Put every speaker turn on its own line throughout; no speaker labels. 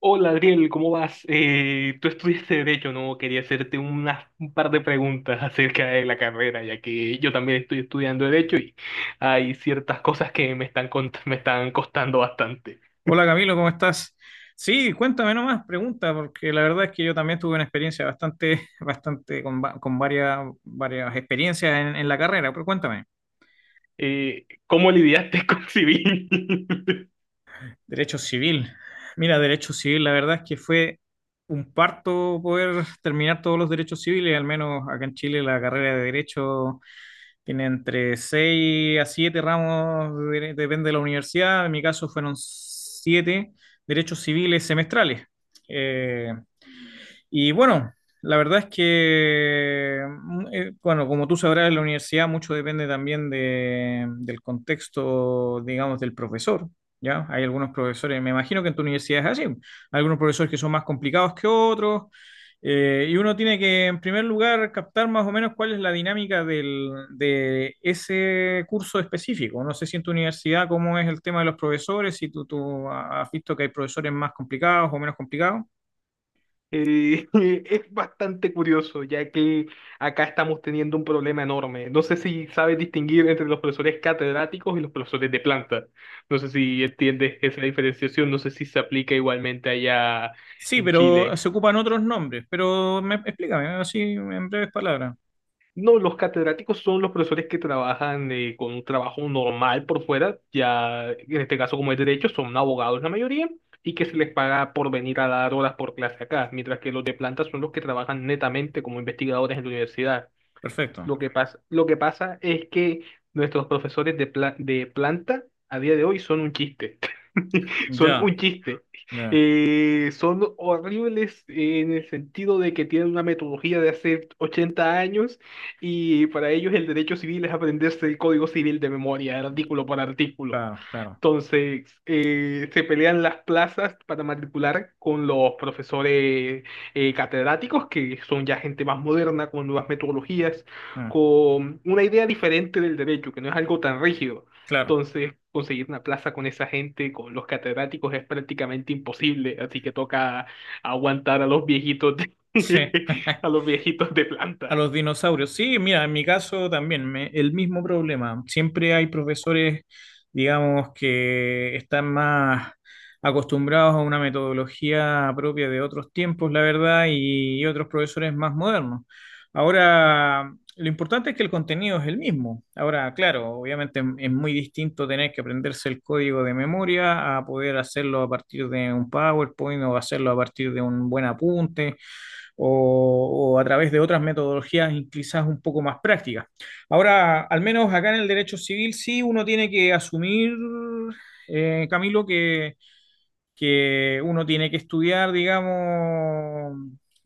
Hola Adriel, ¿cómo vas? Tú estudiaste Derecho, ¿no? Quería hacerte un par de preguntas acerca de la carrera, ya que yo también estoy estudiando Derecho y hay ciertas cosas que me están costando bastante.
Hola Camilo, ¿cómo estás? Sí, cuéntame nomás, pregunta, porque la verdad es que yo también tuve una experiencia bastante, bastante con varias, varias experiencias en la carrera, pero cuéntame.
¿Cómo lidiaste con civil?
Derecho civil. Mira, derecho civil, la verdad es que fue un parto poder terminar todos los derechos civiles, al menos acá en Chile la carrera de derecho tiene entre 6 a siete ramos, depende de la universidad, en mi caso fueron 7 derechos civiles semestrales. Eh, Y bueno, la verdad es que, bueno, como tú sabrás, en la universidad mucho depende también del contexto, digamos, del profesor, ¿ya? Hay algunos profesores, me imagino que en tu universidad es así, hay algunos profesores que son más complicados que otros, y uno tiene que, en primer lugar, captar más o menos cuál es la dinámica de ese curso específico. No sé si en tu universidad cómo es el tema de los profesores, si tú has visto que hay profesores más complicados o menos complicados.
Eh, es bastante curioso, ya que acá estamos teniendo un problema enorme. No sé si sabes distinguir entre los profesores catedráticos y los profesores de planta. No sé si entiendes esa diferenciación, no sé si se aplica igualmente allá
Sí,
en
pero
Chile.
se ocupan otros nombres. Pero me, explícame, así en breves palabras.
No, los catedráticos son los profesores que trabajan con un trabajo normal por fuera, ya en este caso como es derecho, son abogados la mayoría y que se les paga por venir a dar horas por clase acá, mientras que los de planta son los que trabajan netamente como investigadores en la universidad.
Perfecto.
Lo que pasa es que nuestros profesores de planta a día de hoy son un chiste. Son un
Ya,
chiste.
ya,
Son horribles en el sentido de que tienen una metodología de hace 80 años y para ellos el derecho civil es aprenderse el código civil de memoria, artículo por artículo.
claro, claro.
Entonces, se pelean las plazas para matricular con los profesores catedráticos, que son ya gente más moderna, con nuevas metodologías,
Ah,
con una idea diferente del derecho, que no es algo tan rígido.
claro.
Entonces, conseguir una plaza con esa gente, con los catedráticos, es prácticamente imposible, así que toca aguantar a los
Sí.
a los viejitos de planta.
A los dinosaurios. Sí, mira, en mi caso también, el mismo problema. Siempre hay profesores, digamos, que están más acostumbrados a una metodología propia de otros tiempos, la verdad, y otros profesores más modernos. Ahora, lo importante es que el contenido es el mismo. Ahora, claro, obviamente es muy distinto tener que aprenderse el código de memoria a poder hacerlo a partir de un PowerPoint o hacerlo a partir de un buen apunte o a través de otras metodologías quizás un poco más prácticas. Ahora, al menos acá en el derecho civil sí uno tiene que asumir, Camilo, que uno tiene que estudiar, digamos,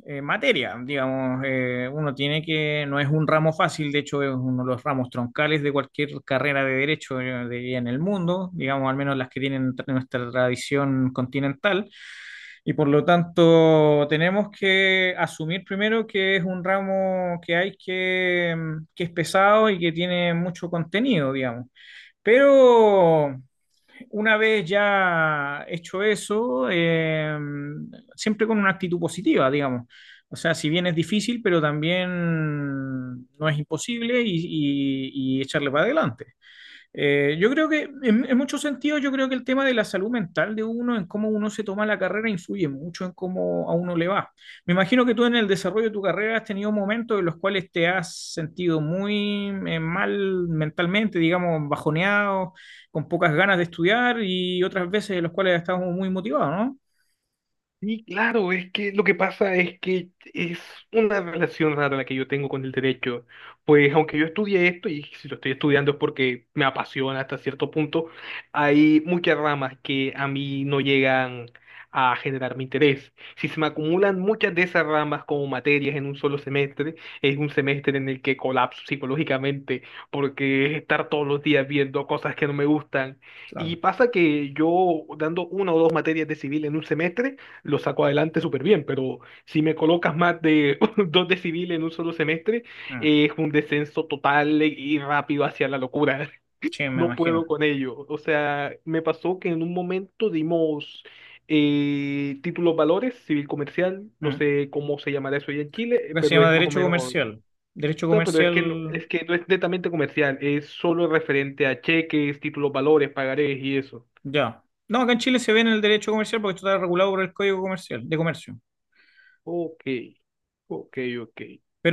materia, digamos, uno tiene que, no es un ramo fácil, de hecho es uno de los ramos troncales de cualquier carrera de derecho en el mundo, digamos, al menos las que tienen nuestra tradición continental, y por lo tanto, tenemos que asumir primero que es un ramo que hay que es pesado y que tiene mucho contenido, digamos. Pero una vez ya hecho eso, siempre con una actitud positiva, digamos. O sea, si bien es difícil, pero también no es imposible y echarle para adelante. Yo creo que en muchos sentidos, yo creo que el tema de la salud mental de uno, en cómo uno se toma la carrera, influye mucho en cómo a uno le va. Me imagino que tú en el desarrollo de tu carrera has tenido momentos en los cuales te has sentido muy mal mentalmente, digamos, bajoneado, con pocas ganas de estudiar y otras veces en los cuales has estado muy motivado, ¿no?
Sí, claro, es que lo que pasa es que es una relación rara la que yo tengo con el derecho. Pues aunque yo estudié esto, y si lo estoy estudiando es porque me apasiona hasta cierto punto, hay muchas ramas que a mí no llegan a generar mi interés. Si se me acumulan muchas de esas ramas como materias en un solo semestre, es un semestre en el que colapso psicológicamente, porque es estar todos los días viendo cosas que no me gustan. Y
Claro.
pasa que yo dando una o dos materias de civil en un semestre, lo saco adelante súper bien, pero si me colocas más de dos de civil en un solo semestre,
Mm,
es un descenso total y rápido hacia la locura.
sí, me
No
imagino.
puedo con ello. O sea, me pasó que en un momento dimos títulos valores, civil comercial, no
Mm.
sé cómo se llamará eso allá en Chile,
Acá se
pero
llama
es más o
derecho
menos, o
comercial. Derecho
sea, pero es que no,
comercial.
es que no es netamente comercial, es solo referente a cheques, títulos valores, pagarés y eso.
Ya. No, acá en Chile se ve en el derecho comercial porque esto está regulado por el Código Comercial, de Comercio.
Ok, ok, ok.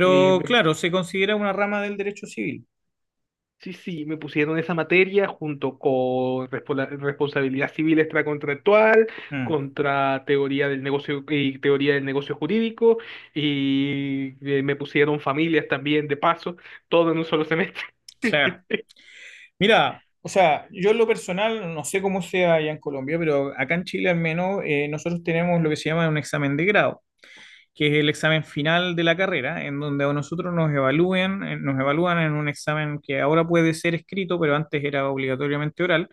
Eh,
claro, se considera una rama del derecho civil.
Sí, sí, me pusieron esa materia junto con responsabilidad civil extracontractual,
Mm,
contra teoría del negocio y teoría del negocio jurídico, y me pusieron familias también de paso, todo en un solo semestre.
claro. Mira, o sea, yo en lo personal, no sé cómo sea allá en Colombia, pero acá en Chile al menos nosotros tenemos lo que se llama un examen de grado, que es el examen final de la carrera, en donde a nosotros nos evalúen, nos evalúan en un examen que ahora puede ser escrito, pero antes era obligatoriamente oral,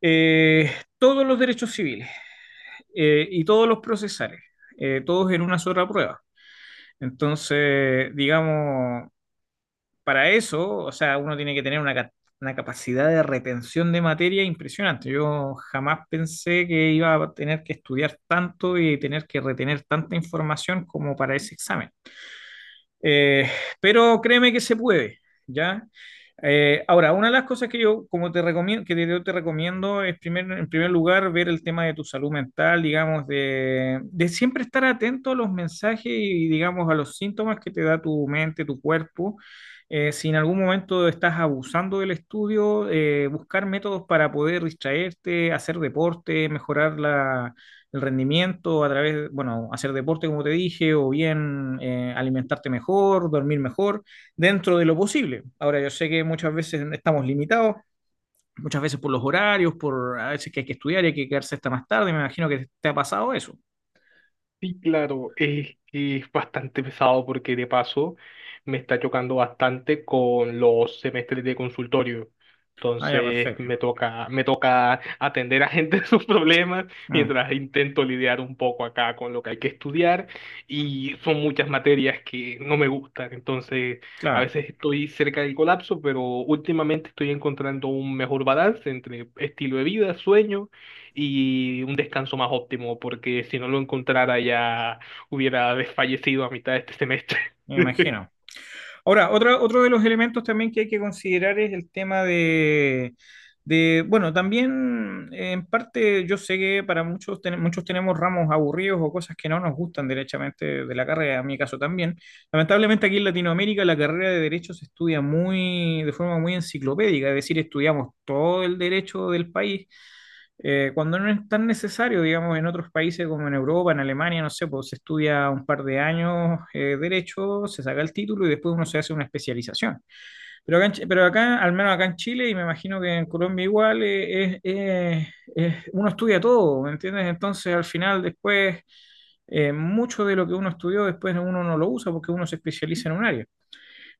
eh, todos los derechos civiles. Y todos los procesales, todos en una sola prueba. Entonces, digamos, para eso, o sea, uno tiene que tener una, una capacidad de retención de materia impresionante. Yo jamás pensé que iba a tener que estudiar tanto y tener que retener tanta información como para ese examen. Eh, pero créeme que se puede, ¿ya? Ahora, una de las cosas que yo como te recomiendo, yo te recomiendo es en primer lugar ver el tema de tu salud mental, digamos, de siempre estar atento a los mensajes y digamos a los síntomas que te da tu mente, tu cuerpo. Si en algún momento estás abusando del estudio, buscar métodos para poder distraerte, hacer deporte, mejorar el rendimiento a través, de, bueno, hacer deporte, como te dije, o bien alimentarte mejor, dormir mejor, dentro de lo posible. Ahora, yo sé que muchas veces estamos limitados, muchas veces por los horarios, por a veces que hay que estudiar y hay que quedarse hasta más tarde, me imagino que te ha pasado eso.
Sí, claro, es bastante pesado porque de paso me está chocando bastante con los semestres de consultorio.
Ah, ya,
Entonces
perfecto.
me toca atender a gente sus problemas
Mm,
mientras intento lidiar un poco acá con lo que hay que estudiar y son muchas materias que no me gustan. Entonces a
claro,
veces estoy cerca del colapso, pero últimamente estoy encontrando un mejor balance entre estilo de vida, sueño y un descanso más óptimo, porque si no lo encontrara ya hubiera desfallecido a mitad de este semestre.
me imagino. Ahora, otra, otro de los elementos también que hay que considerar es el tema de, bueno, también en parte yo sé que para muchos, muchos tenemos ramos aburridos o cosas que no nos gustan derechamente de la carrera, en mi caso también. Lamentablemente aquí en Latinoamérica la carrera de derecho se estudia muy, de forma muy enciclopédica, es decir, estudiamos todo el derecho del país cuando no es tan necesario, digamos, en otros países como en Europa, en Alemania, no sé, pues se estudia un par de años derecho, se saca el título y después uno se hace una especialización. Pero pero acá, al menos acá en Chile, y me imagino que en Colombia igual, uno estudia todo, ¿me entiendes? Entonces, al final, después, mucho de lo que uno estudió, después uno no lo usa porque uno se especializa en un área.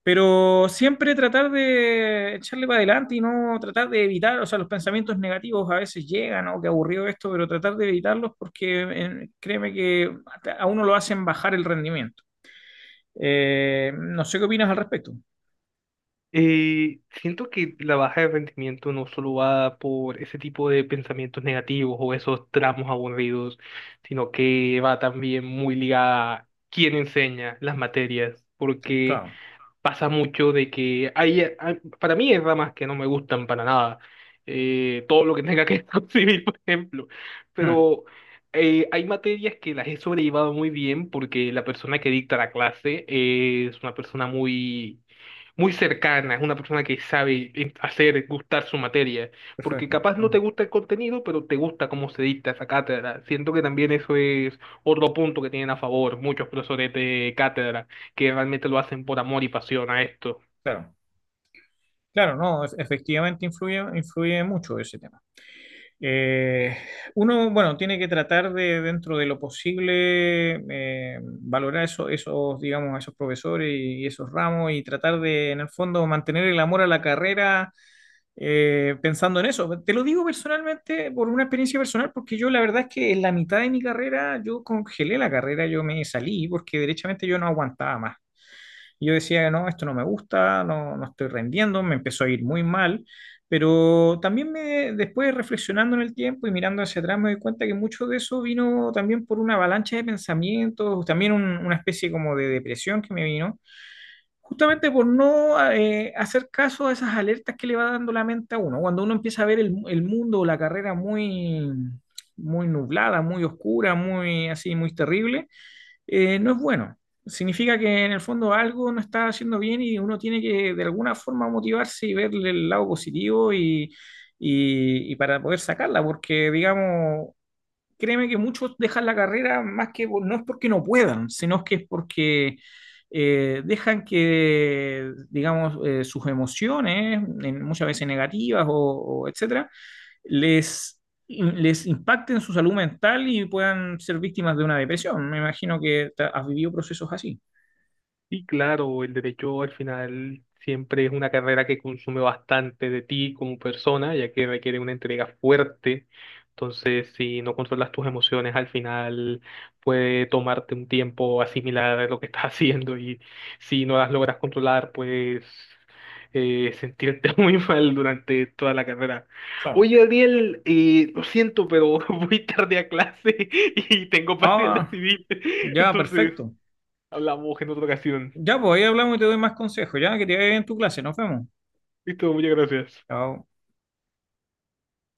Pero siempre tratar de echarle para adelante y no tratar de evitar, o sea, los pensamientos negativos a veces llegan, o qué aburrido esto, pero tratar de evitarlos porque créeme que a uno lo hacen bajar el rendimiento. No sé qué opinas al respecto.
Siento que la baja de rendimiento no solo va por ese tipo de pensamientos negativos o esos tramos aburridos, sino que va también muy ligada a quién enseña las materias, porque
Claro.
pasa mucho de que para mí hay ramas que no me gustan para nada, todo lo que tenga que ver con civil, por ejemplo,
Mm,
pero hay materias que las he sobrellevado muy bien porque la persona que dicta la clase es una persona muy muy cercana, es una persona que sabe hacer gustar su materia, porque
perfecto.
capaz no
Mm,
te gusta el contenido, pero te gusta cómo se dicta esa cátedra. Siento que también eso es otro punto que tienen a favor muchos profesores de cátedra, que realmente lo hacen por amor y pasión a esto.
claro, claro, no, efectivamente influye, influye mucho ese tema. Eh, Uno, bueno, tiene que tratar de, dentro de lo posible, valorar esos, digamos, a esos profesores y esos ramos y tratar de, en el fondo, mantener el amor a la carrera pensando en eso. Te lo digo personalmente, por una experiencia personal, porque yo la verdad es que en la mitad de mi carrera yo congelé la carrera, yo me salí porque derechamente yo no aguantaba más. Y yo decía, no, esto no me gusta, no, no estoy rendiendo, me empezó a ir muy mal, pero también me, después reflexionando en el tiempo y mirando hacia atrás me doy cuenta que mucho de eso vino también por una avalancha de pensamientos, también una especie como de depresión que me vino. Justamente por no hacer caso a esas alertas que le va dando la mente a uno. Cuando uno empieza a ver el mundo o la carrera muy, muy nublada, muy oscura, muy así, muy terrible, no es bueno. Significa que en el fondo algo no está haciendo bien y uno tiene que de alguna forma motivarse y verle el lado positivo y para poder sacarla, porque digamos, créeme que muchos dejan la carrera más que no es porque no puedan, sino que es porque dejan que, digamos, sus emociones, muchas veces negativas o etcétera, les, les impacte en su salud mental y puedan ser víctimas de una depresión. Me imagino que has vivido procesos así.
Y claro, el derecho al final siempre es una carrera que consume bastante de ti como persona, ya que requiere una entrega fuerte. Entonces, si no controlas tus emociones, al final puede tomarte un tiempo asimilar lo que estás haciendo y si no las logras controlar, pues sentirte muy mal durante toda la carrera.
Claro.
Oye, Ariel, lo siento, pero voy tarde a clase y tengo parcial de
Ah,
civil.
ya,
Entonces,
perfecto.
hablamos en otra ocasión.
Ya, pues ahí hablamos y te doy más consejos. Ya, que te vaya bien en tu clase. Nos vemos.
Listo, muchas gracias.
Chao.